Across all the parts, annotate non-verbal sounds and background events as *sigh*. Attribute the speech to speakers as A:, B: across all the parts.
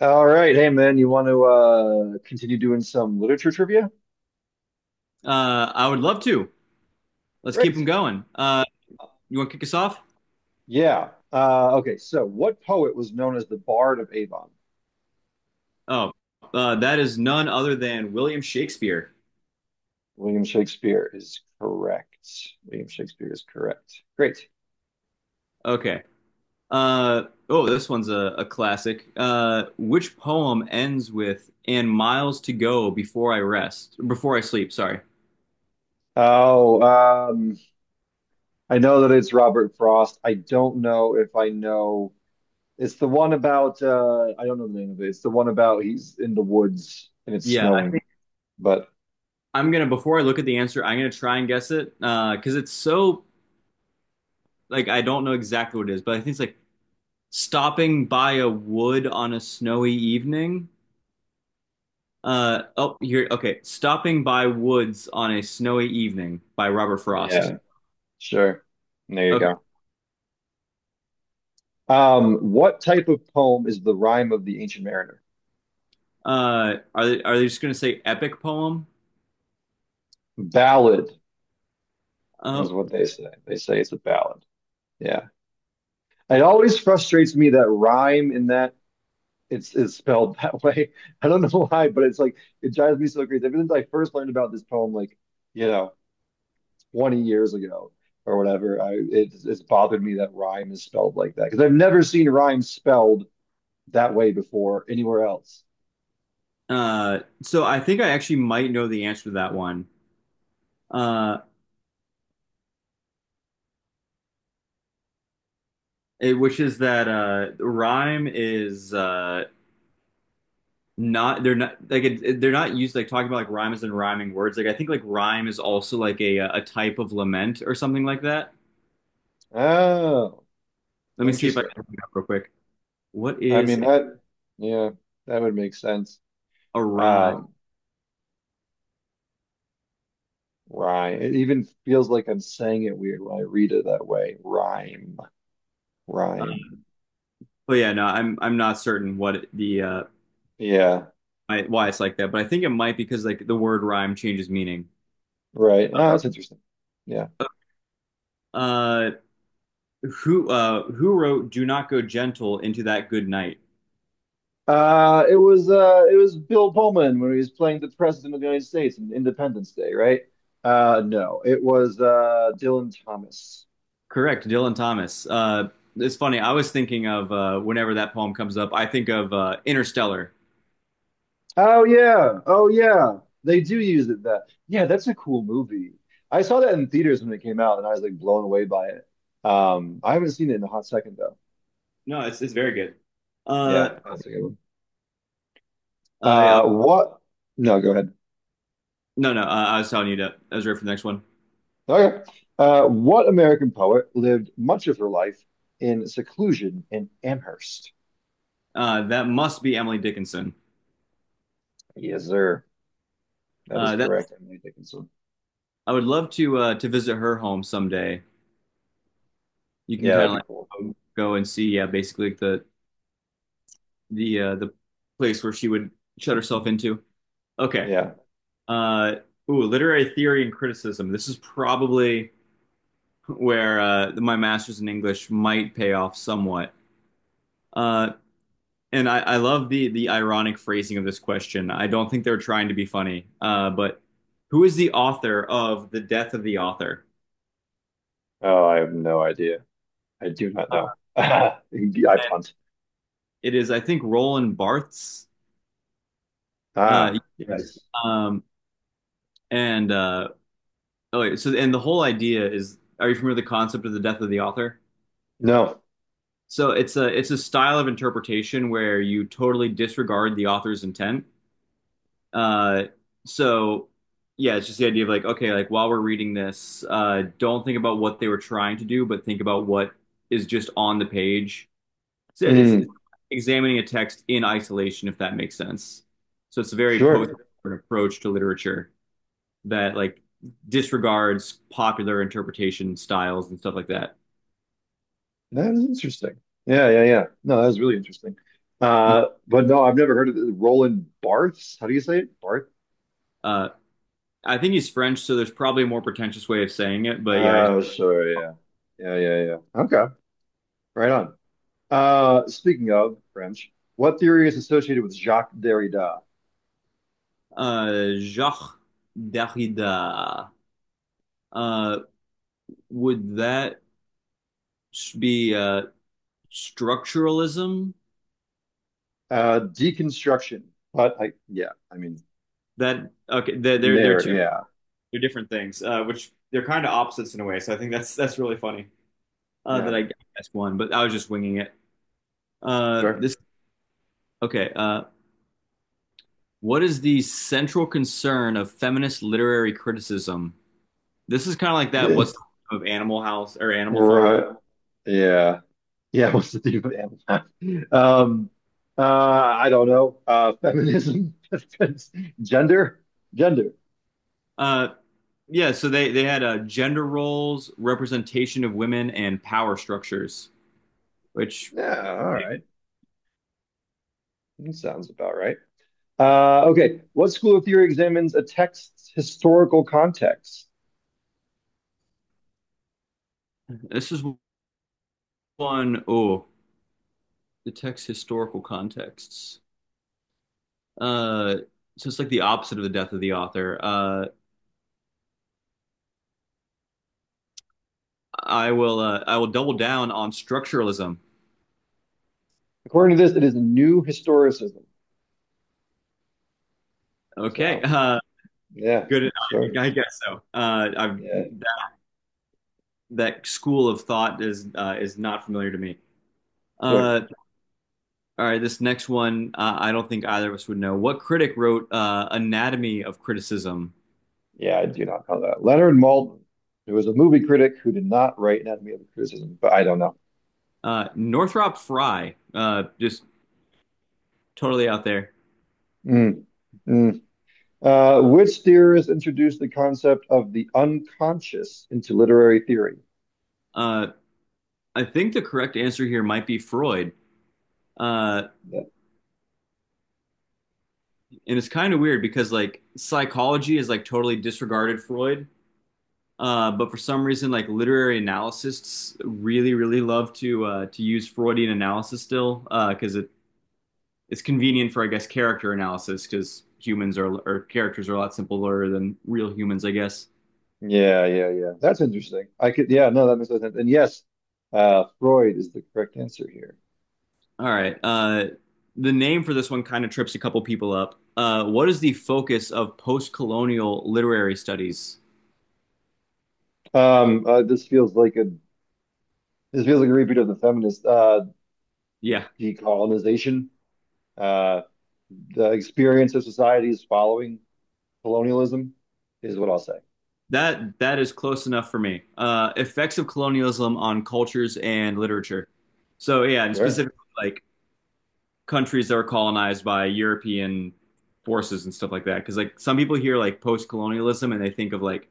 A: All right. Hey, man, you want to continue doing some literature trivia?
B: I would love to. Let's keep them
A: Great.
B: going. You want to kick us off?
A: Yeah. What poet was known as the Bard of Avon?
B: Oh, that is none other than William Shakespeare.
A: William Shakespeare is correct. William Shakespeare is correct. Great.
B: Okay. Oh, this one's a classic. Which poem ends with "and miles to go before I rest, before I sleep"? Sorry.
A: Oh, um, I know that it's Robert Frost. I don't know if I know. It's the one about, I don't know the name of it. It's the one about he's in the woods and it's
B: Yeah, I
A: snowing.
B: think
A: But
B: I'm gonna. Before I look at the answer, I'm gonna try and guess it, because it's so like I don't know exactly what it is, but I think it's like stopping by a wood on a snowy evening. Oh, here. Okay. Stopping by Woods on a Snowy Evening by Robert Frost.
A: yeah, sure. There you
B: Okay.
A: go. What type of poem is the rhyme of the Ancient Mariner?
B: Are they just going to say epic poem?
A: Ballad is
B: Oh,
A: what they say. They say it's a ballad. Yeah. It always frustrates me that rhyme in that it's is spelled *laughs* that way. I don't know why, but it's like it drives me so crazy. Ever since I first learned about this poem, you know, 20 years ago or whatever, it's bothered me that rhyme is spelled like that because I've never seen rhyme spelled that way before anywhere else.
B: so I think I actually might know the answer to that one. Uh, it, which is that rhyme is not they're not like it, they're not used like talking about like rhymes and rhyming words. Like I think like rhyme is also like a type of lament or something like that.
A: Oh,
B: Let me see if I
A: interesting.
B: can look it up real quick. What
A: I mean
B: is
A: that, yeah, that would make sense.
B: a rhyme?
A: Um, rhyme. It even feels like I'm saying it weird when I read it that way. Rhyme, rhyme.
B: Well, yeah, no, I'm not certain
A: Yeah,
B: why it's like that, but I think it might because like the word rhyme changes meaning.
A: right. Oh, that's interesting. Yeah.
B: Uh, who wrote "Do not go gentle into that good night"?
A: It was Bill Pullman when he was playing the President of the United States in Independence Day, right? No, it was Dylan Thomas.
B: Correct, Dylan Thomas. It's funny. I was thinking of whenever that poem comes up, I think of Interstellar.
A: Oh yeah. Oh yeah. They do use it that. Yeah, that's a cool movie. I saw that in theaters when it came out and I was like blown away by it. I haven't seen it in a hot second though.
B: No, it's very good. Uh,
A: Yeah, that's a good one.
B: yeah,
A: What? No, go ahead.
B: no, no, I was telling you that. I was ready for the next one.
A: Okay. What American poet lived much of her life in seclusion in Amherst?
B: That must be Emily Dickinson.
A: Yes, sir. That is
B: That
A: correct. Emily Dickinson.
B: I would love to visit her home someday. You can
A: Yeah,
B: kind
A: that'd
B: of
A: be cool.
B: like go and see, yeah, basically like the place where she would shut herself into. Okay.
A: Yeah.
B: Uh, Ooh, literary theory and criticism. This is probably where my master's in English might pay off somewhat. Uh, and I love the ironic phrasing of this question. I don't think they're trying to be funny, but who is the author of The Death of the Author?
A: Oh, I have no idea. I do not know. *laughs* I
B: And
A: punt.
B: it is, I think, Roland Barthes. Uh,
A: Ah,
B: yes.
A: yes.
B: um, and Oh, wait, so and the whole idea is, are you familiar with the concept of the death of the author?
A: No.
B: So it's a style of interpretation where you totally disregard the author's intent. Uh, so yeah, it's just the idea of like, okay, like while we're reading this, don't think about what they were trying to do, but think about what is just on the page. So yeah, it's
A: Mm,
B: examining a text in isolation, if that makes sense. So it's a very post
A: sure.
B: approach to literature. That like disregards popular interpretation styles and stuff like that.
A: That is interesting. Yeah. No, that is really interesting.
B: Mhm.
A: But no, I've never heard of it. Roland Barthes. How do you say it? Barth?
B: Uh, I think he's French, so there's probably a more pretentious way of saying it, but yeah, I just,
A: Oh, sure. Yeah. Yeah. Okay. Right on. Speaking of French, what theory is associated with Jacques Derrida?
B: Jacques Derrida. Uh, would that be structuralism?
A: Deconstruction. But I, yeah, I mean,
B: That okay? They're
A: there.
B: two
A: Yeah.
B: they're different things, which they're kind of opposites in a way. So I think that's really funny,
A: Yeah.
B: that I guessed one, but I was just winging it.
A: Sure.
B: This Okay? What is the central concern of feminist literary criticism? This is kind of like that. What's
A: *laughs*
B: of Animal House or Animal Farm?
A: Right. Yeah. Yeah, what's the deal with Amazon? I don't know. Feminism, *laughs* gender, gender.
B: Uh, yeah. So they had gender roles, representation of women, and power structures. Which
A: Yeah, all right. That sounds about right. Okay. What school of theory examines a text's historical context?
B: this is one. Oh, the text historical contexts. Uh, so it's like the opposite of the death of the author. I will double down on structuralism.
A: According to this, it is new historicism.
B: Okay.
A: So,
B: *laughs*
A: yeah,
B: Good.
A: sure.
B: I guess so. I've
A: Yeah,
B: That school of thought is not familiar to me.
A: sure.
B: Uh, all right, this next one, I don't think either of us would know. What critic wrote, Anatomy of Criticism?
A: Yeah, I do not know that. Leonard Maltin, who was a movie critic who did not write Anatomy of a Criticism, but I don't know.
B: Northrop Frye, just totally out there.
A: Mm, mm. Which theorist introduced the concept of the unconscious into literary theory?
B: Uh, I think the correct answer here might be Freud. Uh,
A: Yeah,
B: and it's kind of weird because like psychology is like totally disregarded Freud. But for some reason, like literary analysts really, really love to use Freudian analysis still because it's convenient for I guess character analysis because humans are or characters are a lot simpler than real humans, I guess.
A: yeah. That's interesting. No, that makes sense. And yes, Freud is the correct answer here.
B: All right. The name for this one kind of trips a couple people up. What is the focus of post-colonial literary studies?
A: Um, uh, this feels like a this feels like a repeat of the feminist
B: Yeah,
A: decolonization. Uh, the experience of societies following colonialism is what I'll say.
B: that is close enough for me. Effects of colonialism on cultures and literature. So yeah, and
A: Sure.
B: specifically like countries that were colonized by European forces and stuff like that. Because like some people hear like post-colonialism and they think of like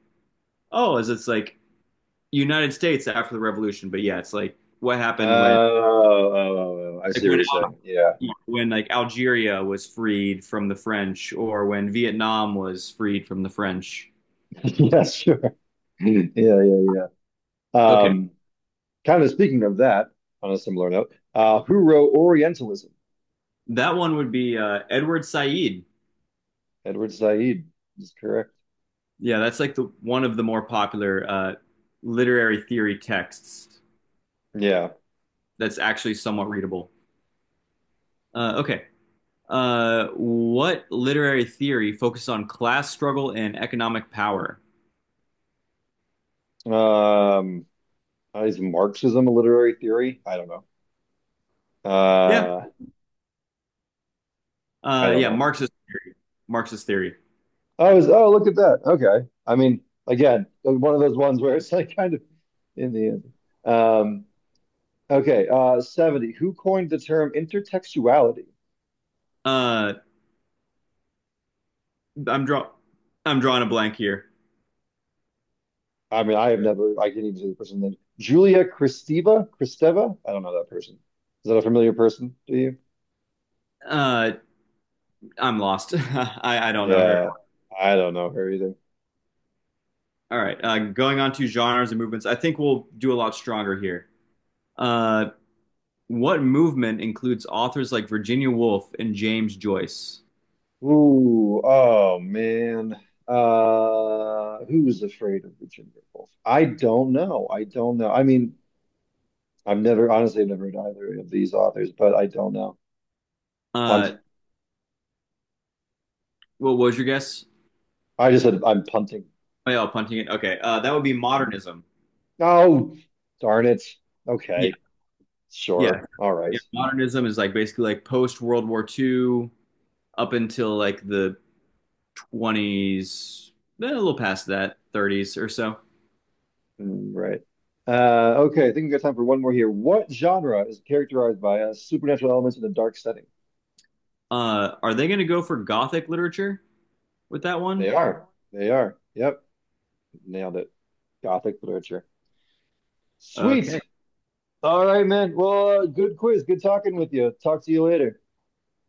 B: oh, is it's like United States after the revolution, but yeah, it's like what happened when
A: Oh, I
B: like
A: see what
B: when
A: you're saying. Yeah.
B: Al- when like Algeria was freed from the French or when Vietnam was freed from the French.
A: *laughs* Yeah, sure. *laughs* Yeah, yeah, yeah.
B: Okay.
A: Um, Kind of speaking of that, on a similar note, who wrote Orientalism?
B: That one would be, Edward Said.
A: Edward Said is correct.
B: Yeah, that's like the one of the more popular, literary theory texts
A: Yeah.
B: that's actually somewhat readable. Okay. What literary theory focuses on class struggle and economic power?
A: Um, is Marxism a literary theory? I don't know.
B: Yeah.
A: Uh, I don't
B: Yeah,
A: know.
B: Marxist theory.
A: Oh, look at that. Okay. I mean, again, one of those ones where it's like kind of in the end. Um, okay. 70. Who coined the term intertextuality?
B: Uh, I'm draw I'm drawing a blank here.
A: I mean, I have never, I can't even say the person's name. Julia Kristeva? Kristeva? I don't know that person. Is that a familiar person to you?
B: Uh, I'm lost. *laughs* I don't know her.
A: Yeah, I don't know her either.
B: All right. Going on to genres and movements, I think we'll do a lot stronger here. Uh, what movement includes authors like Virginia Woolf and James Joyce?
A: Ooh, oh man. Who's afraid of Virginia Woolf? I don't know. I don't know. I've never read either of these authors, but I don't know.
B: Uh,
A: Punt.
B: what was your guess?
A: I just said I'm punting.
B: Oh, yeah, punting it. Okay. That would be modernism.
A: Oh, darn it.
B: Yeah,
A: Okay.
B: yeah,
A: Sure. All right.
B: yeah. Modernism is like basically like post World War II up until like the 20s, then a little past that, 30s or so.
A: Mm, right. Okay, I think we've got time for one more here. What genre is characterized by supernatural elements in a dark setting?
B: Are they going to go for Gothic literature with that
A: They
B: one?
A: are. They are. Yep. Nailed it. Gothic literature.
B: Okay.
A: Sweet. All right, man. Well, good quiz. Good talking with you. Talk to you later.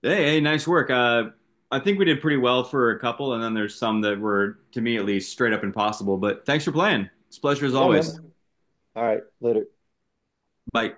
B: Hey, hey, nice work. I think we did pretty well for a couple, and then there's some that were, to me at least, straight up impossible. But thanks for playing. It's a pleasure as
A: Yeah,
B: always.
A: man. All right. Later.
B: Bye.